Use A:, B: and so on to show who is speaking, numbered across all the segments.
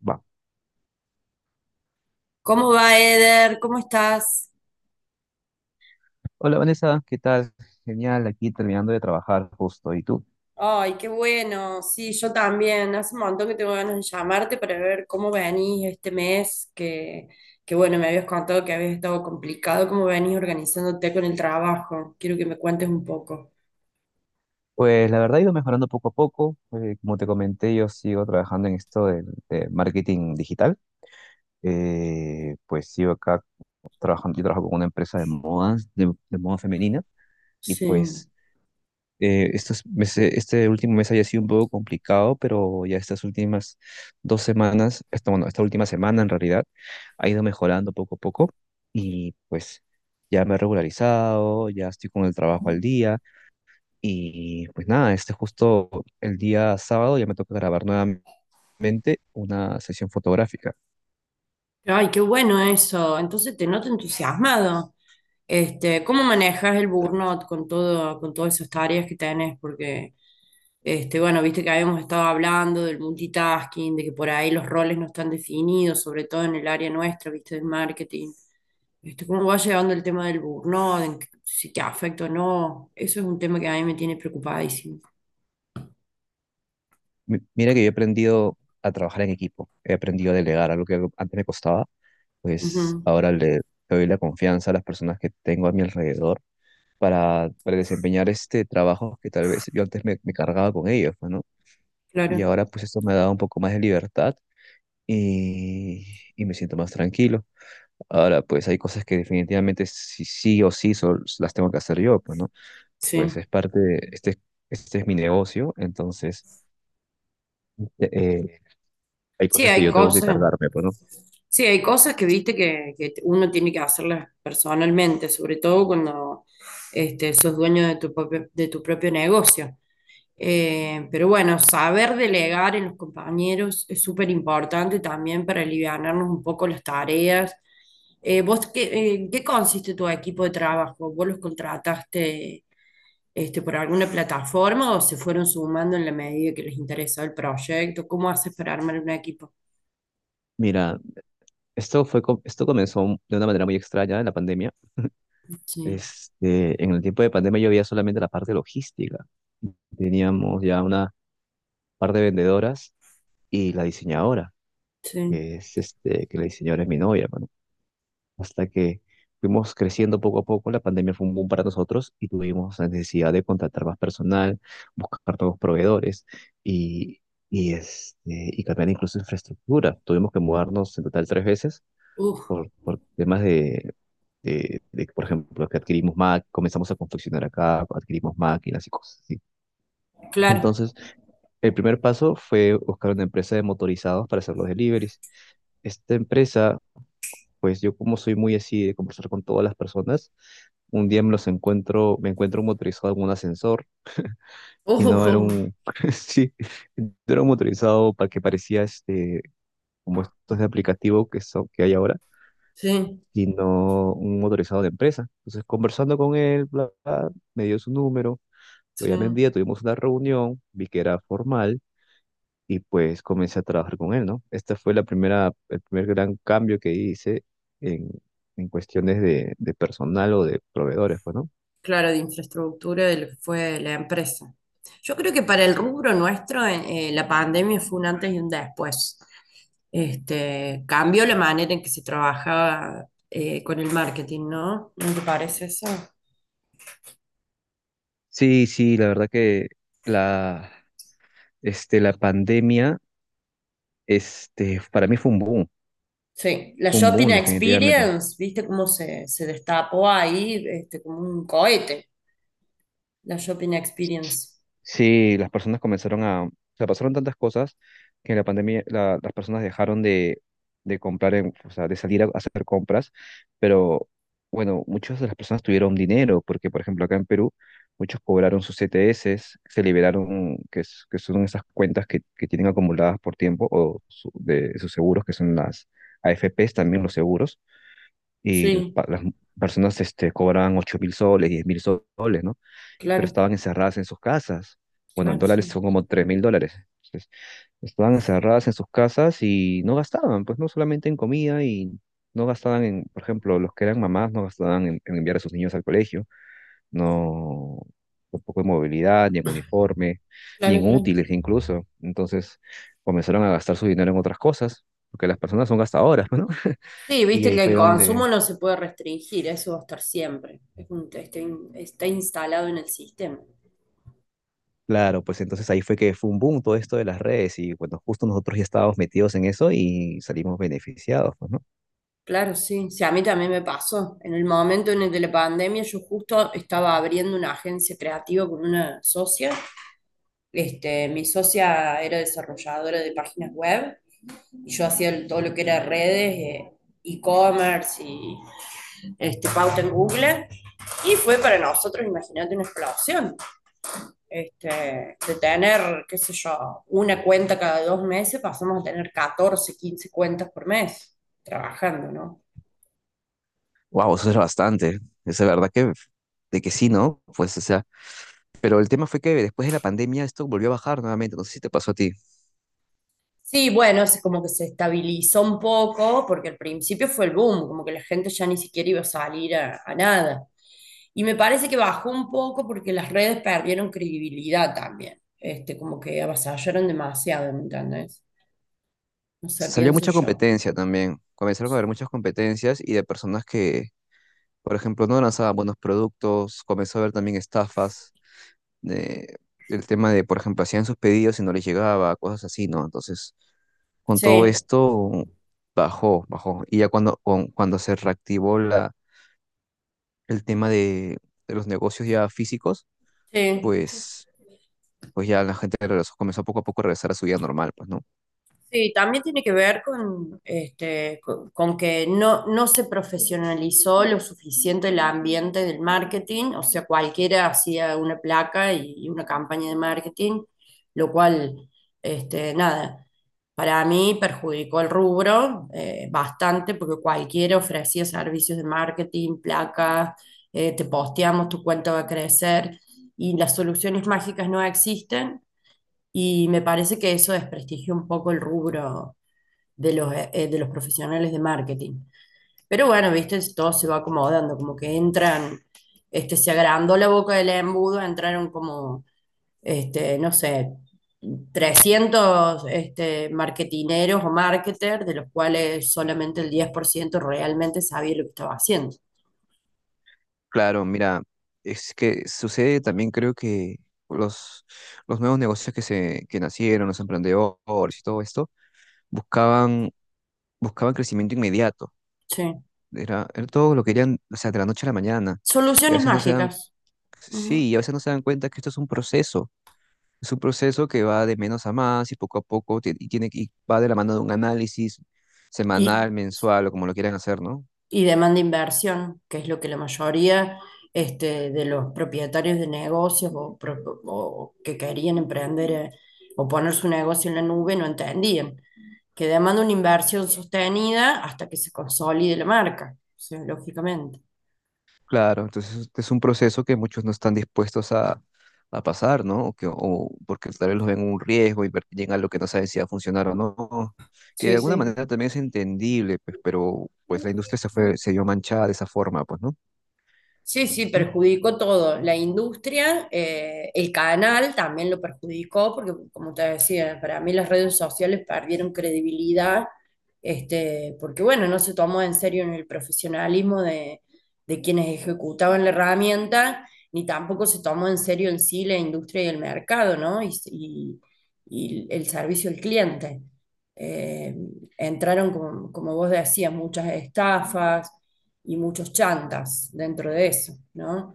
A: Va.
B: ¿Cómo va, Eder? ¿Cómo estás?
A: Hola Vanessa, ¿qué tal? Genial, aquí terminando de trabajar justo. ¿Y tú?
B: Ay, qué bueno. Sí, yo también. Hace un montón que tengo ganas de llamarte para ver cómo venís este mes, que bueno, me habías contado que habías estado complicado, cómo venís organizándote con el trabajo. Quiero que me cuentes un poco.
A: Pues la verdad he ido mejorando poco a poco. Como te comenté, yo sigo trabajando en esto de marketing digital. Pues sigo acá trabajando, yo trabajo con una empresa de modas, de moda femenina. Y
B: Sí.
A: pues este último mes haya sido un poco complicado, pero ya estas últimas dos semanas, esta, bueno, esta última semana en realidad, ha ido mejorando poco a poco y pues ya me he regularizado, ya estoy con el trabajo al día y pues nada, este justo el día sábado ya me toca grabar nuevamente una sesión fotográfica.
B: Ay, qué bueno eso. Entonces te noto entusiasmado. ¿Cómo manejas el burnout con todo, con todas esas tareas que tenés? Porque, bueno, viste que habíamos estado hablando del multitasking, de que por ahí los roles no están definidos, sobre todo en el área nuestra, viste, del marketing. ¿Cómo va llevando el tema del burnout? Si te afecta o no. Eso es un tema que a mí me tiene preocupadísimo.
A: Mira que yo he aprendido a trabajar en equipo, he aprendido a delegar, algo que antes me costaba, pues
B: Ujú,
A: ahora le doy la confianza a las personas que tengo a mi alrededor para desempeñar este trabajo que tal vez yo antes me cargaba con ellos, pues, ¿no? Y
B: claro,
A: ahora pues esto me ha dado un poco más de libertad y, y me siento más tranquilo. Ahora pues hay cosas que definitivamente sí, sí o sí las tengo que hacer yo, pues, ¿no? Pues
B: sí.
A: es parte de, este es mi negocio, entonces eh, eh, hay
B: Sí,
A: cosas que
B: hay
A: yo tengo que
B: cosas.
A: cargarme, pues, ¿no?
B: Sí, hay cosas que viste que uno tiene que hacerlas personalmente, sobre todo cuando sos dueño de tu propio negocio. Pero bueno, saber delegar en los compañeros es súper importante también para alivianarnos un poco las tareas. ¿Vos qué, en qué consiste tu equipo de trabajo? ¿Vos los contrataste por alguna plataforma o se fueron sumando en la medida que les interesó el proyecto? ¿Cómo haces para armar un equipo?
A: Mira, esto fue, esto comenzó de una manera muy extraña en la pandemia.
B: Sí,
A: Este, en el tiempo de pandemia yo veía solamente la parte logística. Teníamos ya una par de vendedoras y la diseñadora,
B: sí.
A: que es este, que la diseñadora es mi novia, mano. Hasta que fuimos creciendo poco a poco, la pandemia fue un boom para nosotros y tuvimos la necesidad de contratar más personal, buscar nuevos proveedores y, este, y cambiar incluso infraestructura. Tuvimos que mudarnos en total tres veces
B: Uf,
A: por temas de, por ejemplo, que adquirimos Mac, comenzamos a confeccionar acá, adquirimos máquinas y cosas así.
B: claro.
A: Entonces, el primer paso fue buscar una empresa de motorizados para hacer los deliveries. Esta empresa, pues yo como soy muy así de conversar con todas las personas, un día me los encuentro, me encuentro un motorizado en un ascensor
B: Uf,
A: y
B: uf,
A: no era
B: uf.
A: un, sí, no era un motorizado para que parecía este, como estos de aplicativo que son, que hay ahora,
B: Sí,
A: sino un motorizado de empresa. Entonces, conversando con él, bla, bla, me dio su número, lo
B: sí.
A: llamé un día, tuvimos una reunión, vi que era formal y pues comencé a trabajar con él, ¿no? Esta fue la primera, el primer gran cambio que hice en, en cuestiones de personal o de proveedores, pues, ¿no?
B: Claro, de infraestructura de lo que fue la empresa. Yo creo que para el rubro nuestro, la pandemia fue un antes y un después. Cambió la manera en que se trabajaba con el marketing, ¿no? ¿No te parece eso?
A: Sí, sí, la verdad que la, este, la pandemia, este, para mí fue
B: Sí, la
A: un
B: shopping
A: boom definitivamente.
B: experience, ¿viste cómo se destapó ahí? Como un cohete, la shopping experience.
A: Sí, las personas comenzaron a, o sea, pasaron tantas cosas que las personas dejaron de comprar, o sea, de salir a hacer compras, pero bueno, muchas de las personas tuvieron dinero, porque por ejemplo acá en Perú, muchos cobraron sus CTS, se liberaron, que, que son esas cuentas que tienen acumuladas por tiempo, de sus seguros, que son las AFPs, también los seguros, y
B: Sí,
A: las personas este, cobraban 8000 soles, 10,000 soles, ¿no? Pero
B: claro.
A: estaban encerradas en sus casas. Bueno, en
B: Claro,
A: dólares
B: sí.
A: son como 3000 dólares. Entonces, estaban encerradas en sus casas y no gastaban, pues no solamente en comida y no gastaban en, por ejemplo, los que eran mamás no gastaban en, enviar a sus niños al colegio, no tampoco en movilidad, ni en uniforme, ni
B: Claro,
A: en
B: claro.
A: útiles incluso. Entonces comenzaron a gastar su dinero en otras cosas, porque las personas son gastadoras, ¿no?
B: Sí,
A: Y
B: viste
A: ahí
B: que
A: fue
B: el
A: donde.
B: consumo no se puede restringir, eso va a estar siempre. Está, está instalado en el sistema.
A: Claro, pues entonces ahí fue que fue un boom todo esto de las redes y bueno, justo nosotros ya estábamos metidos en eso y salimos beneficiados, pues, ¿no?
B: Claro, sí. Sí, a mí también me pasó. En el momento en el de la pandemia, yo justo estaba abriendo una agencia creativa con una socia. Mi socia era desarrolladora de páginas web y yo hacía todo lo que era redes, e-commerce y pauta en Google. Y fue para nosotros, imagínate, una explosión. De tener, qué sé yo, una cuenta cada 2 meses, pasamos a tener 14 15 cuentas por mes trabajando, ¿no?
A: Wow, eso es bastante. Es la verdad que, de que sí, ¿no? Pues, o sea, pero el tema fue que después de la pandemia esto volvió a bajar nuevamente. No sé si te pasó a ti.
B: Sí, bueno, es como que se estabilizó un poco, porque al principio fue el boom, como que la gente ya ni siquiera iba a salir a nada. Y me parece que bajó un poco porque las redes perdieron credibilidad también, como que avasallaron demasiado, ¿me entendés? No sé,
A: Salió
B: pienso
A: mucha
B: yo.
A: competencia también. Comenzaron a haber muchas competencias y de personas que, por ejemplo, no lanzaban buenos productos. Comenzó a haber también estafas. de- el tema de, por ejemplo, hacían sus pedidos y no les llegaba, cosas así, ¿no? Entonces, con todo
B: Sí,
A: esto, bajó, bajó. Y ya cuando, cuando se reactivó la, el tema de los negocios ya físicos,
B: sí.
A: pues, pues ya la gente regresó, comenzó poco a poco a regresar a su vida normal, pues, ¿no?
B: Sí, también tiene que ver con que no, no se profesionalizó lo suficiente el ambiente del marketing, o sea, cualquiera hacía una placa y una campaña de marketing, lo cual, nada, para mí perjudicó el rubro bastante porque cualquiera ofrecía servicios de marketing, placas, te posteamos, tu cuenta va a crecer y las soluciones mágicas no existen. Y me parece que eso desprestigia un poco el rubro de los profesionales de marketing. Pero bueno, viste, todo se va acomodando, como que entran, se agrandó la boca del embudo, entraron como, no sé, 300 marketineros o marketers, de los cuales solamente el 10% realmente sabía lo que estaba haciendo.
A: Claro, mira, es que sucede también, creo que los, los nuevos negocios que, se, que nacieron, los emprendedores y todo esto, buscaban, buscaban crecimiento inmediato.
B: Sí.
A: Era todo lo querían, o sea, de la noche a la mañana. Y a
B: Soluciones
A: veces no se dan,
B: mágicas. Ujú.
A: sí, y a veces no se dan cuenta que esto es un proceso. Es un proceso que va de menos a más y poco a poco y va de la mano de un análisis
B: Y
A: semanal, mensual o como lo quieran hacer, ¿no?
B: y demanda inversión, que es lo que la mayoría de los propietarios de negocios o, o que querían emprender o poner su negocio en la nube no entendían, que demanda una inversión sostenida hasta que se consolide la marca, o sea, lógicamente.
A: Claro, entonces es un proceso que muchos no están dispuestos a pasar, ¿no? O que, o porque tal vez los ven un riesgo y llegan a lo que no saben si va a funcionar o no. Que de
B: Sí,
A: alguna
B: sí.
A: manera también es entendible, pues, pero pues la industria se fue, se vio manchada de esa forma, pues, ¿no?
B: Sí, sí, perjudicó todo. La industria, el canal también lo perjudicó, porque como te decía, para mí las redes sociales perdieron credibilidad, porque bueno, no se tomó en serio en el profesionalismo de quienes ejecutaban la herramienta, ni tampoco se tomó en serio en sí la industria y el mercado, ¿no? Y el servicio al cliente. Eh, Entraron, como vos decías, muchas estafas y muchos chantas dentro de eso, ¿no?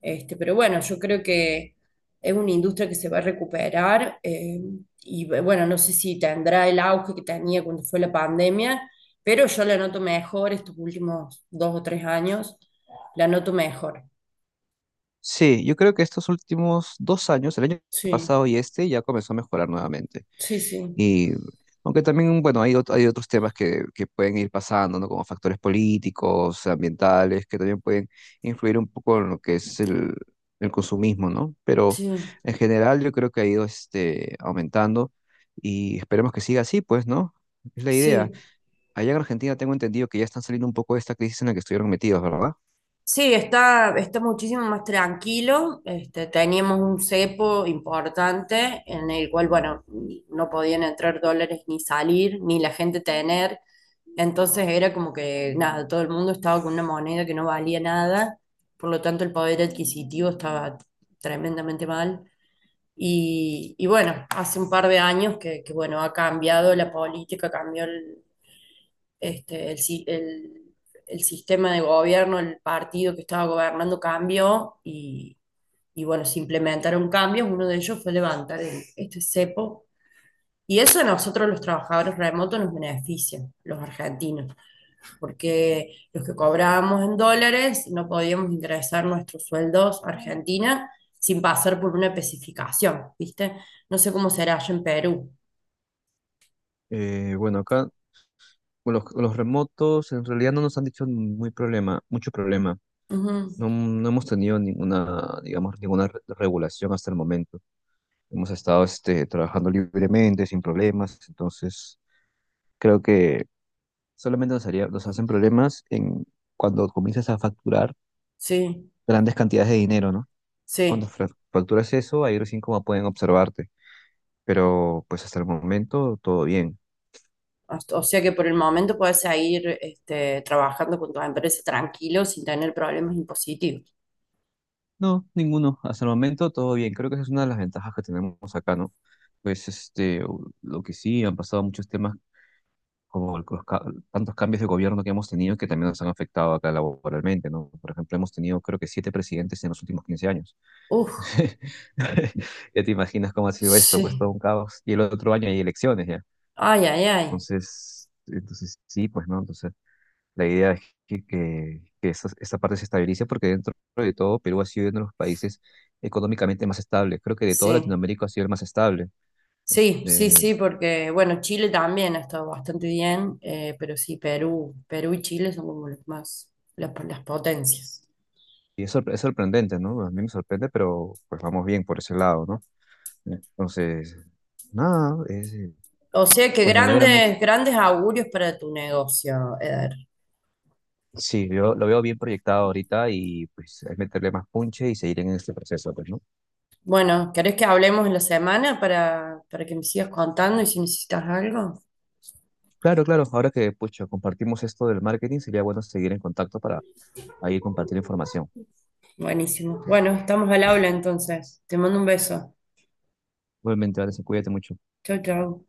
B: Pero bueno, yo creo que es una industria que se va a recuperar y bueno, no sé si tendrá el auge que tenía cuando fue la pandemia, pero yo la noto mejor estos últimos 2 o 3 años, la noto mejor.
A: Sí, yo creo que estos últimos 2 años, el año
B: Sí,
A: pasado y este, ya comenzó a mejorar nuevamente.
B: sí, sí,
A: Y aunque también, bueno, hay, hay otros temas que pueden ir pasando, ¿no? Como factores políticos, ambientales, que también pueden influir un poco en lo que es el consumismo, ¿no? Pero
B: sí,
A: en general yo creo que ha ido este, aumentando y esperemos que siga así, pues, ¿no? Es la idea.
B: sí.
A: Allá en Argentina tengo entendido que ya están saliendo un poco de esta crisis en la que estuvieron metidos, ¿verdad?
B: Sí, está muchísimo más tranquilo. Teníamos un cepo importante en el cual, bueno, no podían entrar dólares ni salir, ni la gente tener. Entonces era como que, nada, todo el mundo estaba con una moneda que no valía nada, por lo tanto el poder adquisitivo estaba tremendamente mal. Y bueno, hace un par de años que bueno, ha cambiado la política, cambió el, este, el, si- el sistema de gobierno, el partido que estaba gobernando cambió y bueno, se implementaron cambios. Uno de ellos fue levantar este cepo. Y eso a nosotros los trabajadores remotos nos beneficia, los argentinos, porque los que cobrábamos en dólares no podíamos ingresar nuestros sueldos a Argentina sin pasar por una especificación, ¿viste? No sé cómo será allá en Perú.
A: Bueno, acá con los remotos en realidad no nos han dicho mucho problema.
B: Ujú.
A: No, no hemos tenido ninguna, digamos, ninguna regulación hasta el momento. Hemos estado este, trabajando libremente, sin problemas. Entonces, creo que solamente nos haría, nos hacen problemas en cuando comienzas a facturar
B: Sí,
A: grandes cantidades de dinero, ¿no? Cuando
B: sí.
A: facturas eso, ahí recién como pueden observarte. Pero pues hasta el momento todo bien.
B: O sea que por el momento puedes seguir trabajando con tu empresa tranquilo sin tener problemas impositivos.
A: No, ninguno. Hasta el momento todo bien. Creo que esa es una de las ventajas que tenemos acá, ¿no? Pues este, lo que sí, han pasado muchos temas como los, tantos cambios de gobierno que hemos tenido que también nos han afectado acá laboralmente, ¿no? Por ejemplo, hemos tenido creo que siete presidentes en los últimos 15 años.
B: Uf,
A: Ya te imaginas cómo ha sido esto, pues
B: sí.
A: todo un caos. Y el otro año hay elecciones ya.
B: Ay, ay, ay.
A: Entonces, sí, pues, ¿no? Entonces. La idea es que esa parte se estabilice porque dentro de todo Perú ha sido uno de los países económicamente más estables. Creo que de toda
B: Sí.
A: Latinoamérica ha sido el más estable.
B: Sí, sí,
A: Este,
B: sí, porque bueno, Chile también ha estado bastante bien, pero sí, Perú, y Chile son como los más, las potencias.
A: y es sorprendente, ¿no? A mí me sorprende, pero pues vamos bien por ese lado, ¿no? Entonces, nada,
B: O sea que
A: pues me alegra mucho.
B: grandes, grandes augurios para tu negocio, Eder.
A: Sí, yo lo veo bien proyectado ahorita y pues es meterle más punche y seguir en este proceso, pues, ¿no?
B: Bueno, ¿querés que hablemos en la semana para que me sigas contando y si necesitas algo?
A: Claro, claro, ahora que, pucha, compartimos esto del marketing, sería bueno seguir en contacto para ahí compartir información.
B: Buenísimo. Bueno, estamos al habla entonces. Te mando un beso.
A: Obviamente, Anderson, cuídate mucho.
B: Chau, chau.